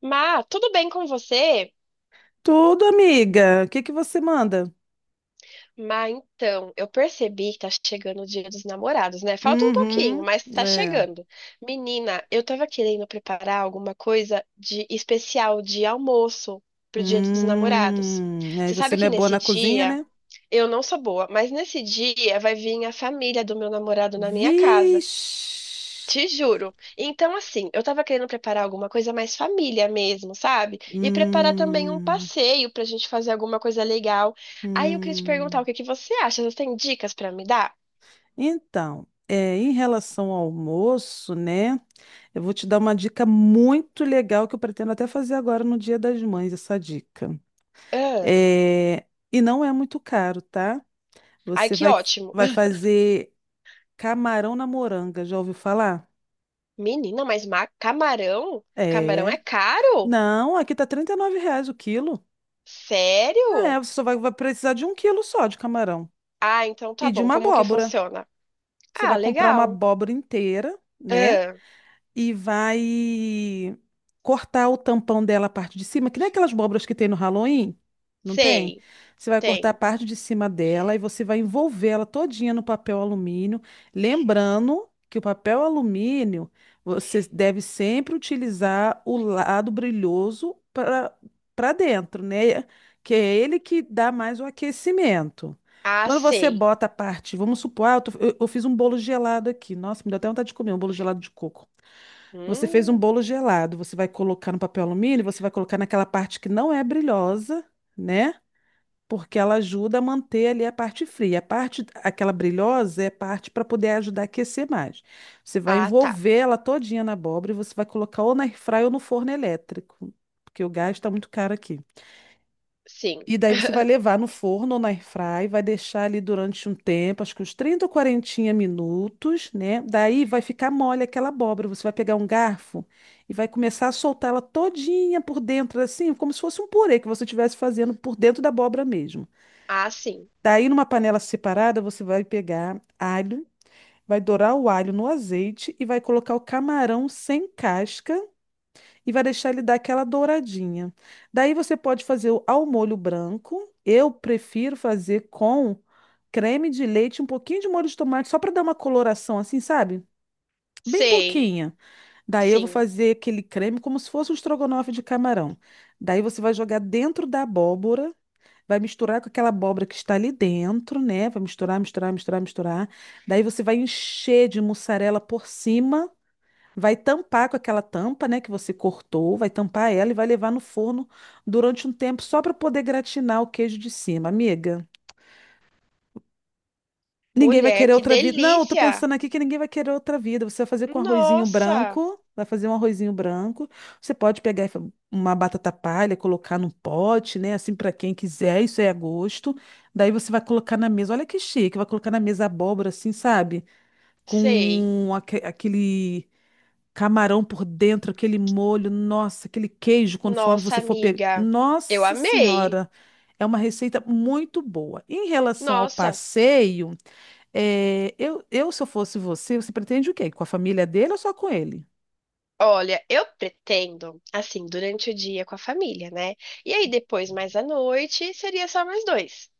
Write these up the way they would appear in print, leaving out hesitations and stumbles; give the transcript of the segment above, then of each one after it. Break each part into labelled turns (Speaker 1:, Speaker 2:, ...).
Speaker 1: Má, tudo bem com você?
Speaker 2: Tudo, amiga. O que que você manda?
Speaker 1: Má, então, eu percebi que tá chegando o Dia dos Namorados, né? Falta um pouquinho,
Speaker 2: Uhum,
Speaker 1: mas tá
Speaker 2: é.
Speaker 1: chegando. Menina, eu tava querendo preparar alguma coisa de especial de almoço pro Dia dos Namorados.
Speaker 2: Aí
Speaker 1: Você
Speaker 2: você
Speaker 1: sabe
Speaker 2: não
Speaker 1: que
Speaker 2: é boa
Speaker 1: nesse
Speaker 2: na cozinha,
Speaker 1: dia,
Speaker 2: né?
Speaker 1: eu não sou boa, mas nesse dia vai vir a família do meu namorado na minha casa.
Speaker 2: Vixe.
Speaker 1: Te juro. Então, assim, eu tava querendo preparar alguma coisa mais família mesmo, sabe? E preparar também um
Speaker 2: Hum,
Speaker 1: passeio pra gente fazer alguma coisa legal. Aí eu queria te perguntar o
Speaker 2: hum.
Speaker 1: que que você acha? Você tem dicas pra me dar?
Speaker 2: Então, em relação ao almoço, né? Eu vou te dar uma dica muito legal que eu pretendo até fazer agora no Dia das Mães, essa dica.
Speaker 1: Ah,
Speaker 2: É, e não é muito caro, tá?
Speaker 1: ai,
Speaker 2: Você
Speaker 1: que
Speaker 2: vai,
Speaker 1: ótimo.
Speaker 2: vai fazer camarão na moranga, já ouviu falar?
Speaker 1: Menina, mas camarão? Camarão
Speaker 2: É.
Speaker 1: é caro?
Speaker 2: Não, aqui tá 39 reais o quilo. É,
Speaker 1: Sério?
Speaker 2: vai precisar de um quilo só de camarão.
Speaker 1: Ah, então
Speaker 2: E
Speaker 1: tá
Speaker 2: de
Speaker 1: bom.
Speaker 2: uma
Speaker 1: Como que
Speaker 2: abóbora.
Speaker 1: funciona?
Speaker 2: Você
Speaker 1: Ah,
Speaker 2: vai comprar uma
Speaker 1: legal.
Speaker 2: abóbora inteira, né?
Speaker 1: Ah,
Speaker 2: E vai cortar o tampão dela, a parte de cima, que nem aquelas abóboras que tem no Halloween, não tem?
Speaker 1: sei.
Speaker 2: Você vai cortar a
Speaker 1: Tem.
Speaker 2: parte de cima dela e você vai envolver ela todinha no papel alumínio, lembrando que o papel alumínio você deve sempre utilizar o lado brilhoso para dentro, né? Que é ele que dá mais o aquecimento.
Speaker 1: Ah,
Speaker 2: Quando você
Speaker 1: sei.
Speaker 2: bota a parte, vamos supor, ah, eu fiz um bolo gelado aqui. Nossa, me deu até vontade de comer um bolo gelado de coco. Você fez um
Speaker 1: Hum,
Speaker 2: bolo gelado, você vai colocar no papel alumínio, você vai colocar naquela parte que não é brilhosa, né? Porque ela ajuda a manter ali a parte fria. A parte, aquela brilhosa é parte para poder ajudar a aquecer mais. Você vai
Speaker 1: ah, tá.
Speaker 2: envolver ela todinha na abóbora e você vai colocar ou na airfryer ou no forno elétrico, porque o gás está muito caro aqui.
Speaker 1: Sim.
Speaker 2: E daí você vai levar no forno ou na airfry, vai deixar ali durante um tempo, acho que uns 30 ou 40 minutos, né? Daí vai ficar mole aquela abóbora. Você vai pegar um garfo e vai começar a soltar ela todinha por dentro, assim, como se fosse um purê que você estivesse fazendo por dentro da abóbora mesmo.
Speaker 1: Ah, sim.
Speaker 2: Daí, numa panela separada, você vai pegar alho, vai dourar o alho no azeite e vai colocar o camarão sem casca e vai deixar ele dar aquela douradinha. Daí você pode fazer ao molho branco. Eu prefiro fazer com creme de leite, um pouquinho de molho de tomate, só para dar uma coloração assim, sabe? Bem
Speaker 1: Sei.
Speaker 2: pouquinha. Daí eu vou
Speaker 1: Sim.
Speaker 2: fazer aquele creme como se fosse um estrogonofe de camarão. Daí você vai jogar dentro da abóbora, vai misturar com aquela abóbora que está ali dentro, né? Vai misturar, misturar, misturar, misturar. Daí você vai encher de mussarela por cima. Vai tampar com aquela tampa, né, que você cortou, vai tampar ela e vai levar no forno durante um tempo só para poder gratinar o queijo de cima, amiga. Ninguém vai
Speaker 1: Mulher,
Speaker 2: querer
Speaker 1: que
Speaker 2: outra vida. Não, eu tô
Speaker 1: delícia!
Speaker 2: pensando aqui que ninguém vai querer outra vida. Você vai fazer com arrozinho
Speaker 1: Nossa,
Speaker 2: branco, vai fazer um arrozinho branco. Você pode pegar e fa- uma batata palha, colocar num pote, né, assim para quem quiser, isso é a gosto. Daí você vai colocar na mesa. Olha que chique, vai colocar na mesa abóbora assim, sabe?
Speaker 1: sei.
Speaker 2: Com aquele camarão por dentro, aquele molho, nossa, aquele queijo, conforme
Speaker 1: Nossa,
Speaker 2: você for pegar.
Speaker 1: amiga, eu
Speaker 2: Nossa
Speaker 1: amei.
Speaker 2: Senhora, é uma receita muito boa. Em relação ao
Speaker 1: Nossa,
Speaker 2: passeio, se eu fosse você, você pretende o quê? Com a família dele ou só com ele?
Speaker 1: olha, eu pretendo, assim, durante o dia com a família, né? E aí depois, mais à noite, seria só mais dois.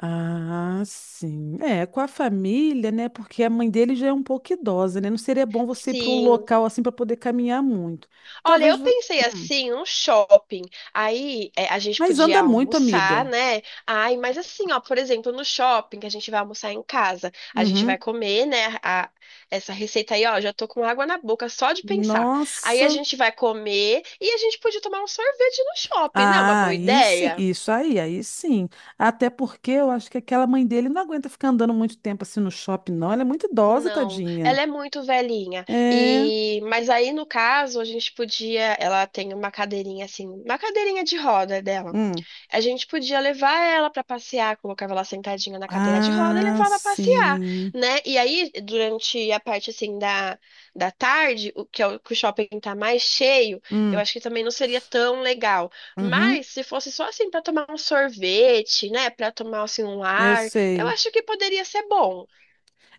Speaker 2: Ah, sim. É, com a família, né? Porque a mãe dele já é um pouco idosa, né? Não seria bom você ir para um
Speaker 1: Sim,
Speaker 2: local assim para poder caminhar muito.
Speaker 1: olha,
Speaker 2: Talvez.
Speaker 1: eu
Speaker 2: vo-
Speaker 1: pensei
Speaker 2: Hum.
Speaker 1: assim, um shopping. Aí é, a gente
Speaker 2: Mas
Speaker 1: podia
Speaker 2: anda muito,
Speaker 1: almoçar,
Speaker 2: amiga.
Speaker 1: né? Ai, mas assim, ó, por exemplo, no shopping que a gente vai almoçar em casa, a gente vai
Speaker 2: Uhum.
Speaker 1: comer, né? Essa receita aí, ó, já tô com água na boca só de pensar. Aí a
Speaker 2: Nossa.
Speaker 1: gente vai comer e a gente podia tomar um sorvete no shopping, né? Uma
Speaker 2: Ah,
Speaker 1: boa
Speaker 2: aí sim,
Speaker 1: ideia?
Speaker 2: isso aí, aí sim. Até porque eu acho que aquela mãe dele não aguenta ficar andando muito tempo assim no shopping, não. Ela é muito idosa,
Speaker 1: Não,
Speaker 2: tadinha.
Speaker 1: ela é muito velhinha.
Speaker 2: É.
Speaker 1: E mas aí no caso a gente podia, ela tem uma cadeirinha assim, uma cadeirinha de roda dela.
Speaker 2: Hum.
Speaker 1: A gente podia levar ela para passear, colocava ela sentadinha na cadeira de roda e
Speaker 2: Ah,
Speaker 1: levava a passear,
Speaker 2: sim.
Speaker 1: né? E aí, durante a parte assim da tarde, o que, é o que o shopping tá mais cheio, eu
Speaker 2: Hum.
Speaker 1: acho que também não seria tão legal. Mas
Speaker 2: Uhum.
Speaker 1: se fosse só assim para tomar um sorvete, né, para tomar assim um
Speaker 2: Eu
Speaker 1: ar, eu
Speaker 2: sei.
Speaker 1: acho que poderia ser bom.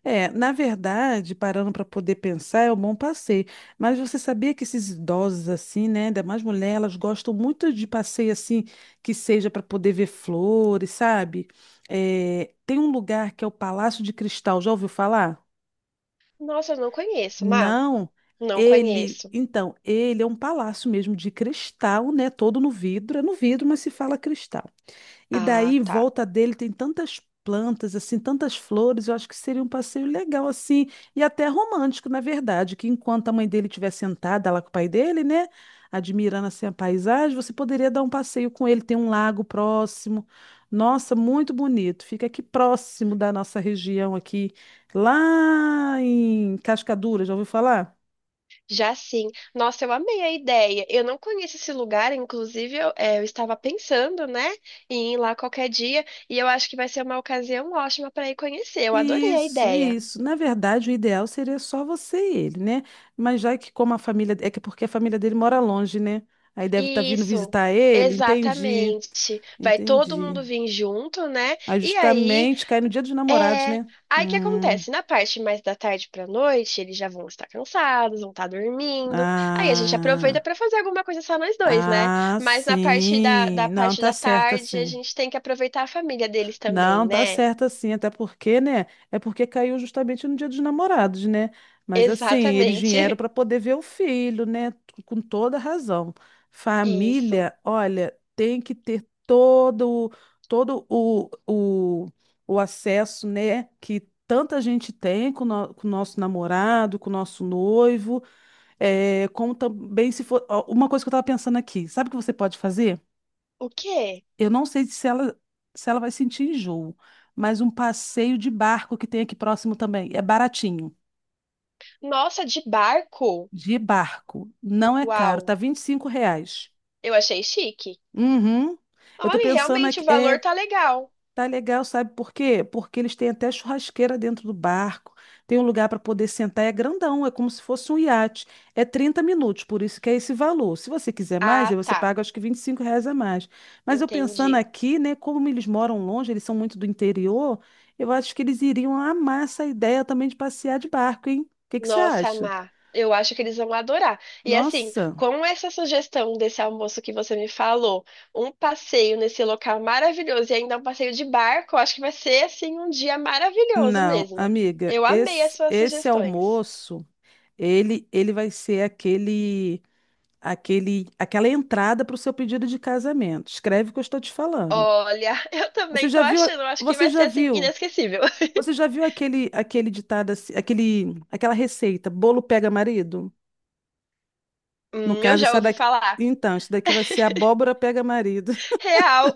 Speaker 2: É, na verdade, parando para poder pensar, é um bom passeio. Mas você sabia que esses idosos assim, né, ainda mais mulher, elas gostam muito de passeio assim, que seja para poder ver flores, sabe? É, tem um lugar que é o Palácio de Cristal, já ouviu falar?
Speaker 1: Nossa, eu não conheço, Má.
Speaker 2: Não,
Speaker 1: Não
Speaker 2: ele,
Speaker 1: conheço.
Speaker 2: então, ele é um palácio mesmo de cristal, né, todo no vidro, é no vidro, mas se fala cristal. E
Speaker 1: Ah,
Speaker 2: daí, em
Speaker 1: tá.
Speaker 2: volta dele tem tantas plantas, assim, tantas flores, eu acho que seria um passeio legal, assim, e até romântico, na verdade, que enquanto a mãe dele estiver sentada lá com o pai dele, né, admirando, assim, a paisagem, você poderia dar um passeio com ele, tem um lago próximo. Nossa, muito bonito. Fica aqui próximo da nossa região aqui, lá em Cascadura, já ouviu falar?
Speaker 1: Já sim. Nossa, eu amei a ideia. Eu não conheço esse lugar, inclusive eu, é, eu estava pensando, né, em ir lá qualquer dia, e eu acho que vai ser uma ocasião ótima para ir conhecer. Eu adorei a
Speaker 2: Isso,
Speaker 1: ideia.
Speaker 2: isso. Na verdade, o ideal seria só você e ele, né? Mas já que como a família, é que porque a família dele mora longe, né? Aí deve estar vindo
Speaker 1: Isso,
Speaker 2: visitar ele, entendi.
Speaker 1: exatamente. Vai todo
Speaker 2: Entendi.
Speaker 1: mundo vir junto, né?
Speaker 2: Aí
Speaker 1: E aí
Speaker 2: justamente cai no dia dos namorados,
Speaker 1: é.
Speaker 2: né?
Speaker 1: Aí o que
Speaker 2: Hum,
Speaker 1: acontece? Na parte mais da tarde pra noite, eles já vão estar cansados, vão estar dormindo. Aí a gente aproveita
Speaker 2: ah,
Speaker 1: pra fazer alguma coisa só nós dois, né? Mas na parte da,
Speaker 2: sim.
Speaker 1: da
Speaker 2: Não,
Speaker 1: parte
Speaker 2: tá
Speaker 1: da
Speaker 2: certo
Speaker 1: tarde, a
Speaker 2: assim.
Speaker 1: gente tem que aproveitar a família deles também,
Speaker 2: Não, tá
Speaker 1: né?
Speaker 2: certo assim, até porque, né? É porque caiu justamente no Dia dos Namorados, né? Mas assim, eles vieram
Speaker 1: Exatamente.
Speaker 2: para poder ver o filho, né? Com toda razão.
Speaker 1: Isso.
Speaker 2: Família, olha, tem que ter todo o acesso, né? Que tanta gente tem com, o no- com o nosso namorado, com o nosso noivo, é, como também se for. Ó, uma coisa que eu tava pensando aqui, sabe o que você pode fazer?
Speaker 1: O quê?
Speaker 2: Eu não sei se ela vai sentir enjoo, mas um passeio de barco que tem aqui próximo também. É baratinho.
Speaker 1: Nossa, de barco?
Speaker 2: De barco. Não é caro. Tá
Speaker 1: Uau,
Speaker 2: 25 reais.
Speaker 1: eu achei chique.
Speaker 2: Uhum. Eu tô
Speaker 1: Olha,
Speaker 2: pensando
Speaker 1: realmente o
Speaker 2: aqui. É,
Speaker 1: valor tá legal.
Speaker 2: tá legal, sabe por quê? Porque eles têm até churrasqueira dentro do barco, tem um lugar para poder sentar, é grandão, é como se fosse um iate. É 30 minutos, por isso que é esse valor. Se você quiser mais, aí
Speaker 1: Ah,
Speaker 2: você
Speaker 1: tá.
Speaker 2: paga acho que 25 reais a mais. Mas eu pensando
Speaker 1: Entendi.
Speaker 2: aqui, né, como eles moram longe, eles são muito do interior, eu acho que eles iriam amar essa ideia também de passear de barco, hein? O que que você
Speaker 1: Nossa,
Speaker 2: acha?
Speaker 1: Má, eu acho que eles vão adorar. E assim,
Speaker 2: Nossa,
Speaker 1: com essa sugestão desse almoço que você me falou, um passeio nesse local maravilhoso e ainda um passeio de barco, eu acho que vai ser assim um dia maravilhoso
Speaker 2: não,
Speaker 1: mesmo.
Speaker 2: amiga,
Speaker 1: Eu amei as suas
Speaker 2: esse
Speaker 1: sugestões.
Speaker 2: almoço, ele vai ser aquela entrada para o seu pedido de casamento. Escreve o que eu estou te falando.
Speaker 1: Olha, eu
Speaker 2: Você
Speaker 1: também tô
Speaker 2: já viu,
Speaker 1: achando, eu acho que
Speaker 2: você
Speaker 1: vai ser
Speaker 2: já
Speaker 1: assim
Speaker 2: viu,
Speaker 1: inesquecível.
Speaker 2: você já viu aquele ditado, aquela receita, bolo pega marido? No
Speaker 1: Eu
Speaker 2: caso,
Speaker 1: já
Speaker 2: essa
Speaker 1: ouvi
Speaker 2: daqui,
Speaker 1: falar.
Speaker 2: então, isso daqui vai ser abóbora pega marido.
Speaker 1: Real.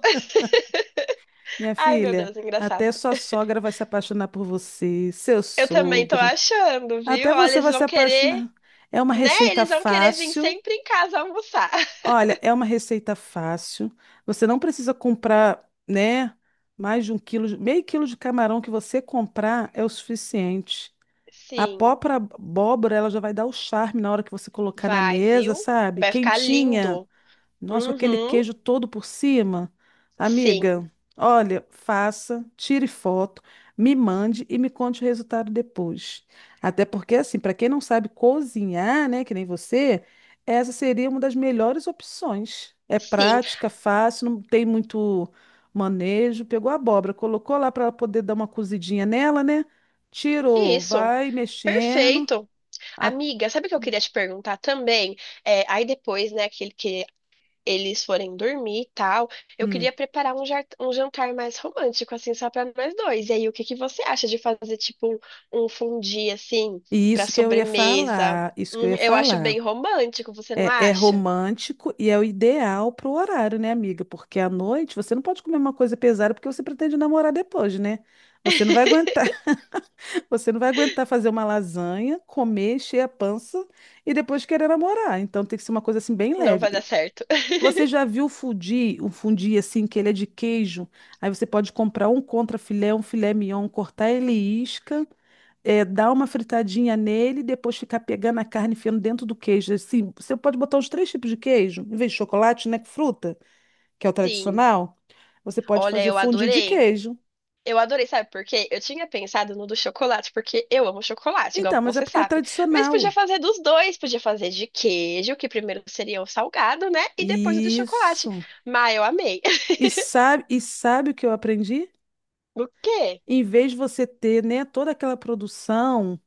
Speaker 2: Minha
Speaker 1: Ai, meu
Speaker 2: filha,
Speaker 1: Deus, engraçado.
Speaker 2: até sua sogra vai se apaixonar por você, seu
Speaker 1: Eu também tô
Speaker 2: sogro.
Speaker 1: achando, viu?
Speaker 2: Até
Speaker 1: Olha,
Speaker 2: você
Speaker 1: eles
Speaker 2: vai se
Speaker 1: vão querer.
Speaker 2: apaixonar. É uma
Speaker 1: Né?
Speaker 2: receita
Speaker 1: Eles vão querer vir
Speaker 2: fácil.
Speaker 1: sempre em casa almoçar.
Speaker 2: Olha, é uma receita fácil. Você não precisa comprar, né, mais de um quilo, meio quilo de camarão que você comprar é o suficiente. A
Speaker 1: Sim,
Speaker 2: própria abóbora, ela já vai dar o charme na hora que você colocar na
Speaker 1: vai,
Speaker 2: mesa,
Speaker 1: viu?
Speaker 2: sabe?
Speaker 1: Vai ficar
Speaker 2: Quentinha.
Speaker 1: lindo.
Speaker 2: Nossa, com aquele
Speaker 1: Uhum,
Speaker 2: queijo todo por cima.
Speaker 1: sim,
Speaker 2: Amiga, olha, faça, tire foto, me mande e me conte o resultado depois. Até porque, assim, para quem não sabe cozinhar, né, que nem você, essa seria uma das melhores opções. É
Speaker 1: sim.
Speaker 2: prática, fácil, não tem muito manejo. Pegou a abóbora, colocou lá para poder dar uma cozidinha nela, né? Tirou,
Speaker 1: Isso.
Speaker 2: vai mexendo.
Speaker 1: Perfeito.
Speaker 2: a-
Speaker 1: Amiga, sabe o que eu queria te perguntar também? É, aí depois, né, que eles forem dormir e tal, eu
Speaker 2: Hum.
Speaker 1: queria preparar um, um jantar mais romântico, assim, só para nós dois. E aí, o que que você acha de fazer, tipo, um fondue, assim,
Speaker 2: E
Speaker 1: para
Speaker 2: isso que eu ia
Speaker 1: sobremesa?
Speaker 2: falar, isso que eu ia
Speaker 1: Eu acho
Speaker 2: falar.
Speaker 1: bem romântico, você não
Speaker 2: É, é
Speaker 1: acha?
Speaker 2: romântico e é o ideal pro horário, né, amiga? Porque à noite você não pode comer uma coisa pesada porque você pretende namorar depois, né? Você não vai aguentar, você não vai aguentar fazer uma lasanha, comer, encher a pança e depois querer namorar. Então tem que ser uma coisa assim bem
Speaker 1: Não vai dar
Speaker 2: leve.
Speaker 1: certo.
Speaker 2: Você já viu fundi, um fundi assim que ele é de queijo? Aí você pode comprar um contra filé, um filé mignon, cortar ele em isca, é, dar uma fritadinha nele, depois ficar pegando a carne e enfiando dentro do queijo. Assim, você pode botar os três tipos de queijo, em vez de chocolate, né, que fruta, que é o
Speaker 1: Sim.
Speaker 2: tradicional. Você pode
Speaker 1: Olha,
Speaker 2: fazer
Speaker 1: eu
Speaker 2: fondue de
Speaker 1: adorei.
Speaker 2: queijo.
Speaker 1: Eu adorei, sabe por quê? Eu tinha pensado no do chocolate, porque eu amo chocolate, igual
Speaker 2: Então, mas é
Speaker 1: você
Speaker 2: porque é
Speaker 1: sabe. Mas podia
Speaker 2: tradicional.
Speaker 1: fazer dos dois, podia fazer de queijo, que primeiro seria o salgado, né? E depois o do chocolate.
Speaker 2: Isso.
Speaker 1: Mas eu amei.
Speaker 2: E sabe o que eu aprendi?
Speaker 1: O quê?
Speaker 2: Em vez de você ter, né, toda aquela produção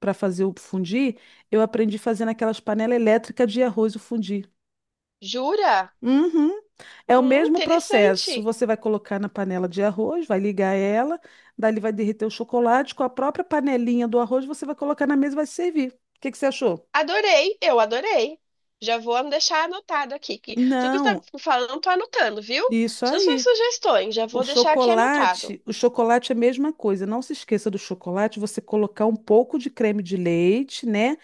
Speaker 2: para fazer o fundir, eu aprendi fazendo aquelas panelas elétricas de arroz o fundir.
Speaker 1: Jura?
Speaker 2: Uhum. É o mesmo processo.
Speaker 1: Interessante.
Speaker 2: Você vai colocar na panela de arroz, vai ligar ela, dali vai derreter o chocolate. Com a própria panelinha do arroz, você vai colocar na mesa e vai servir. O que que você achou?
Speaker 1: Adorei, eu adorei. Já vou deixar anotado aqui. Que tudo que você
Speaker 2: Não,
Speaker 1: está falando, tô anotando, viu?
Speaker 2: isso
Speaker 1: Todas as suas
Speaker 2: aí.
Speaker 1: sugestões, já vou deixar aqui anotado.
Speaker 2: O chocolate é a mesma coisa. Não se esqueça do chocolate, você colocar um pouco de creme de leite, né,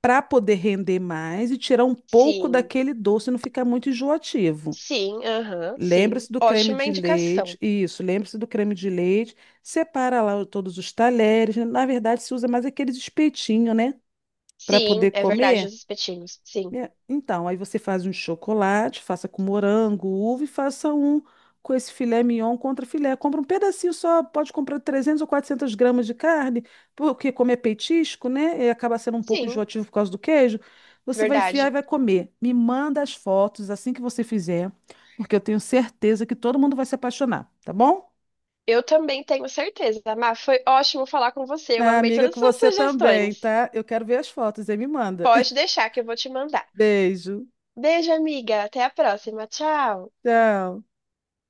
Speaker 2: para poder render mais e tirar um pouco
Speaker 1: Sim.
Speaker 2: daquele doce, não ficar muito enjoativo.
Speaker 1: Sim, aham, sim.
Speaker 2: Lembre-se do creme
Speaker 1: Ótima
Speaker 2: de leite,
Speaker 1: indicação.
Speaker 2: isso, lembre-se do creme de leite, separa lá todos os talheres, né? Na verdade se usa mais aqueles espetinhos, né, para
Speaker 1: Sim,
Speaker 2: poder
Speaker 1: é verdade,
Speaker 2: comer.
Speaker 1: os espetinhos. Sim,
Speaker 2: É, então, aí você faz um chocolate, faça com morango, uva e faça um com esse filé mignon contra filé. Compra um pedacinho só, pode comprar 300 ou 400 gramas de carne, porque como é petisco, né? E acaba sendo um pouco
Speaker 1: sim,
Speaker 2: enjoativo por causa do queijo. Você vai enfiar e
Speaker 1: verdade.
Speaker 2: vai comer. Me manda as fotos assim que você fizer, porque eu tenho certeza que todo mundo vai se apaixonar, tá bom?
Speaker 1: Eu também tenho certeza, Má. Foi ótimo falar com você. Eu
Speaker 2: Ah,
Speaker 1: amei
Speaker 2: amiga,
Speaker 1: todas
Speaker 2: com
Speaker 1: as suas
Speaker 2: você também,
Speaker 1: sugestões.
Speaker 2: tá? Eu quero ver as fotos, aí me manda.
Speaker 1: Pode deixar que eu vou te mandar.
Speaker 2: Beijo.
Speaker 1: Beijo, amiga. Até a próxima. Tchau.
Speaker 2: Tchau.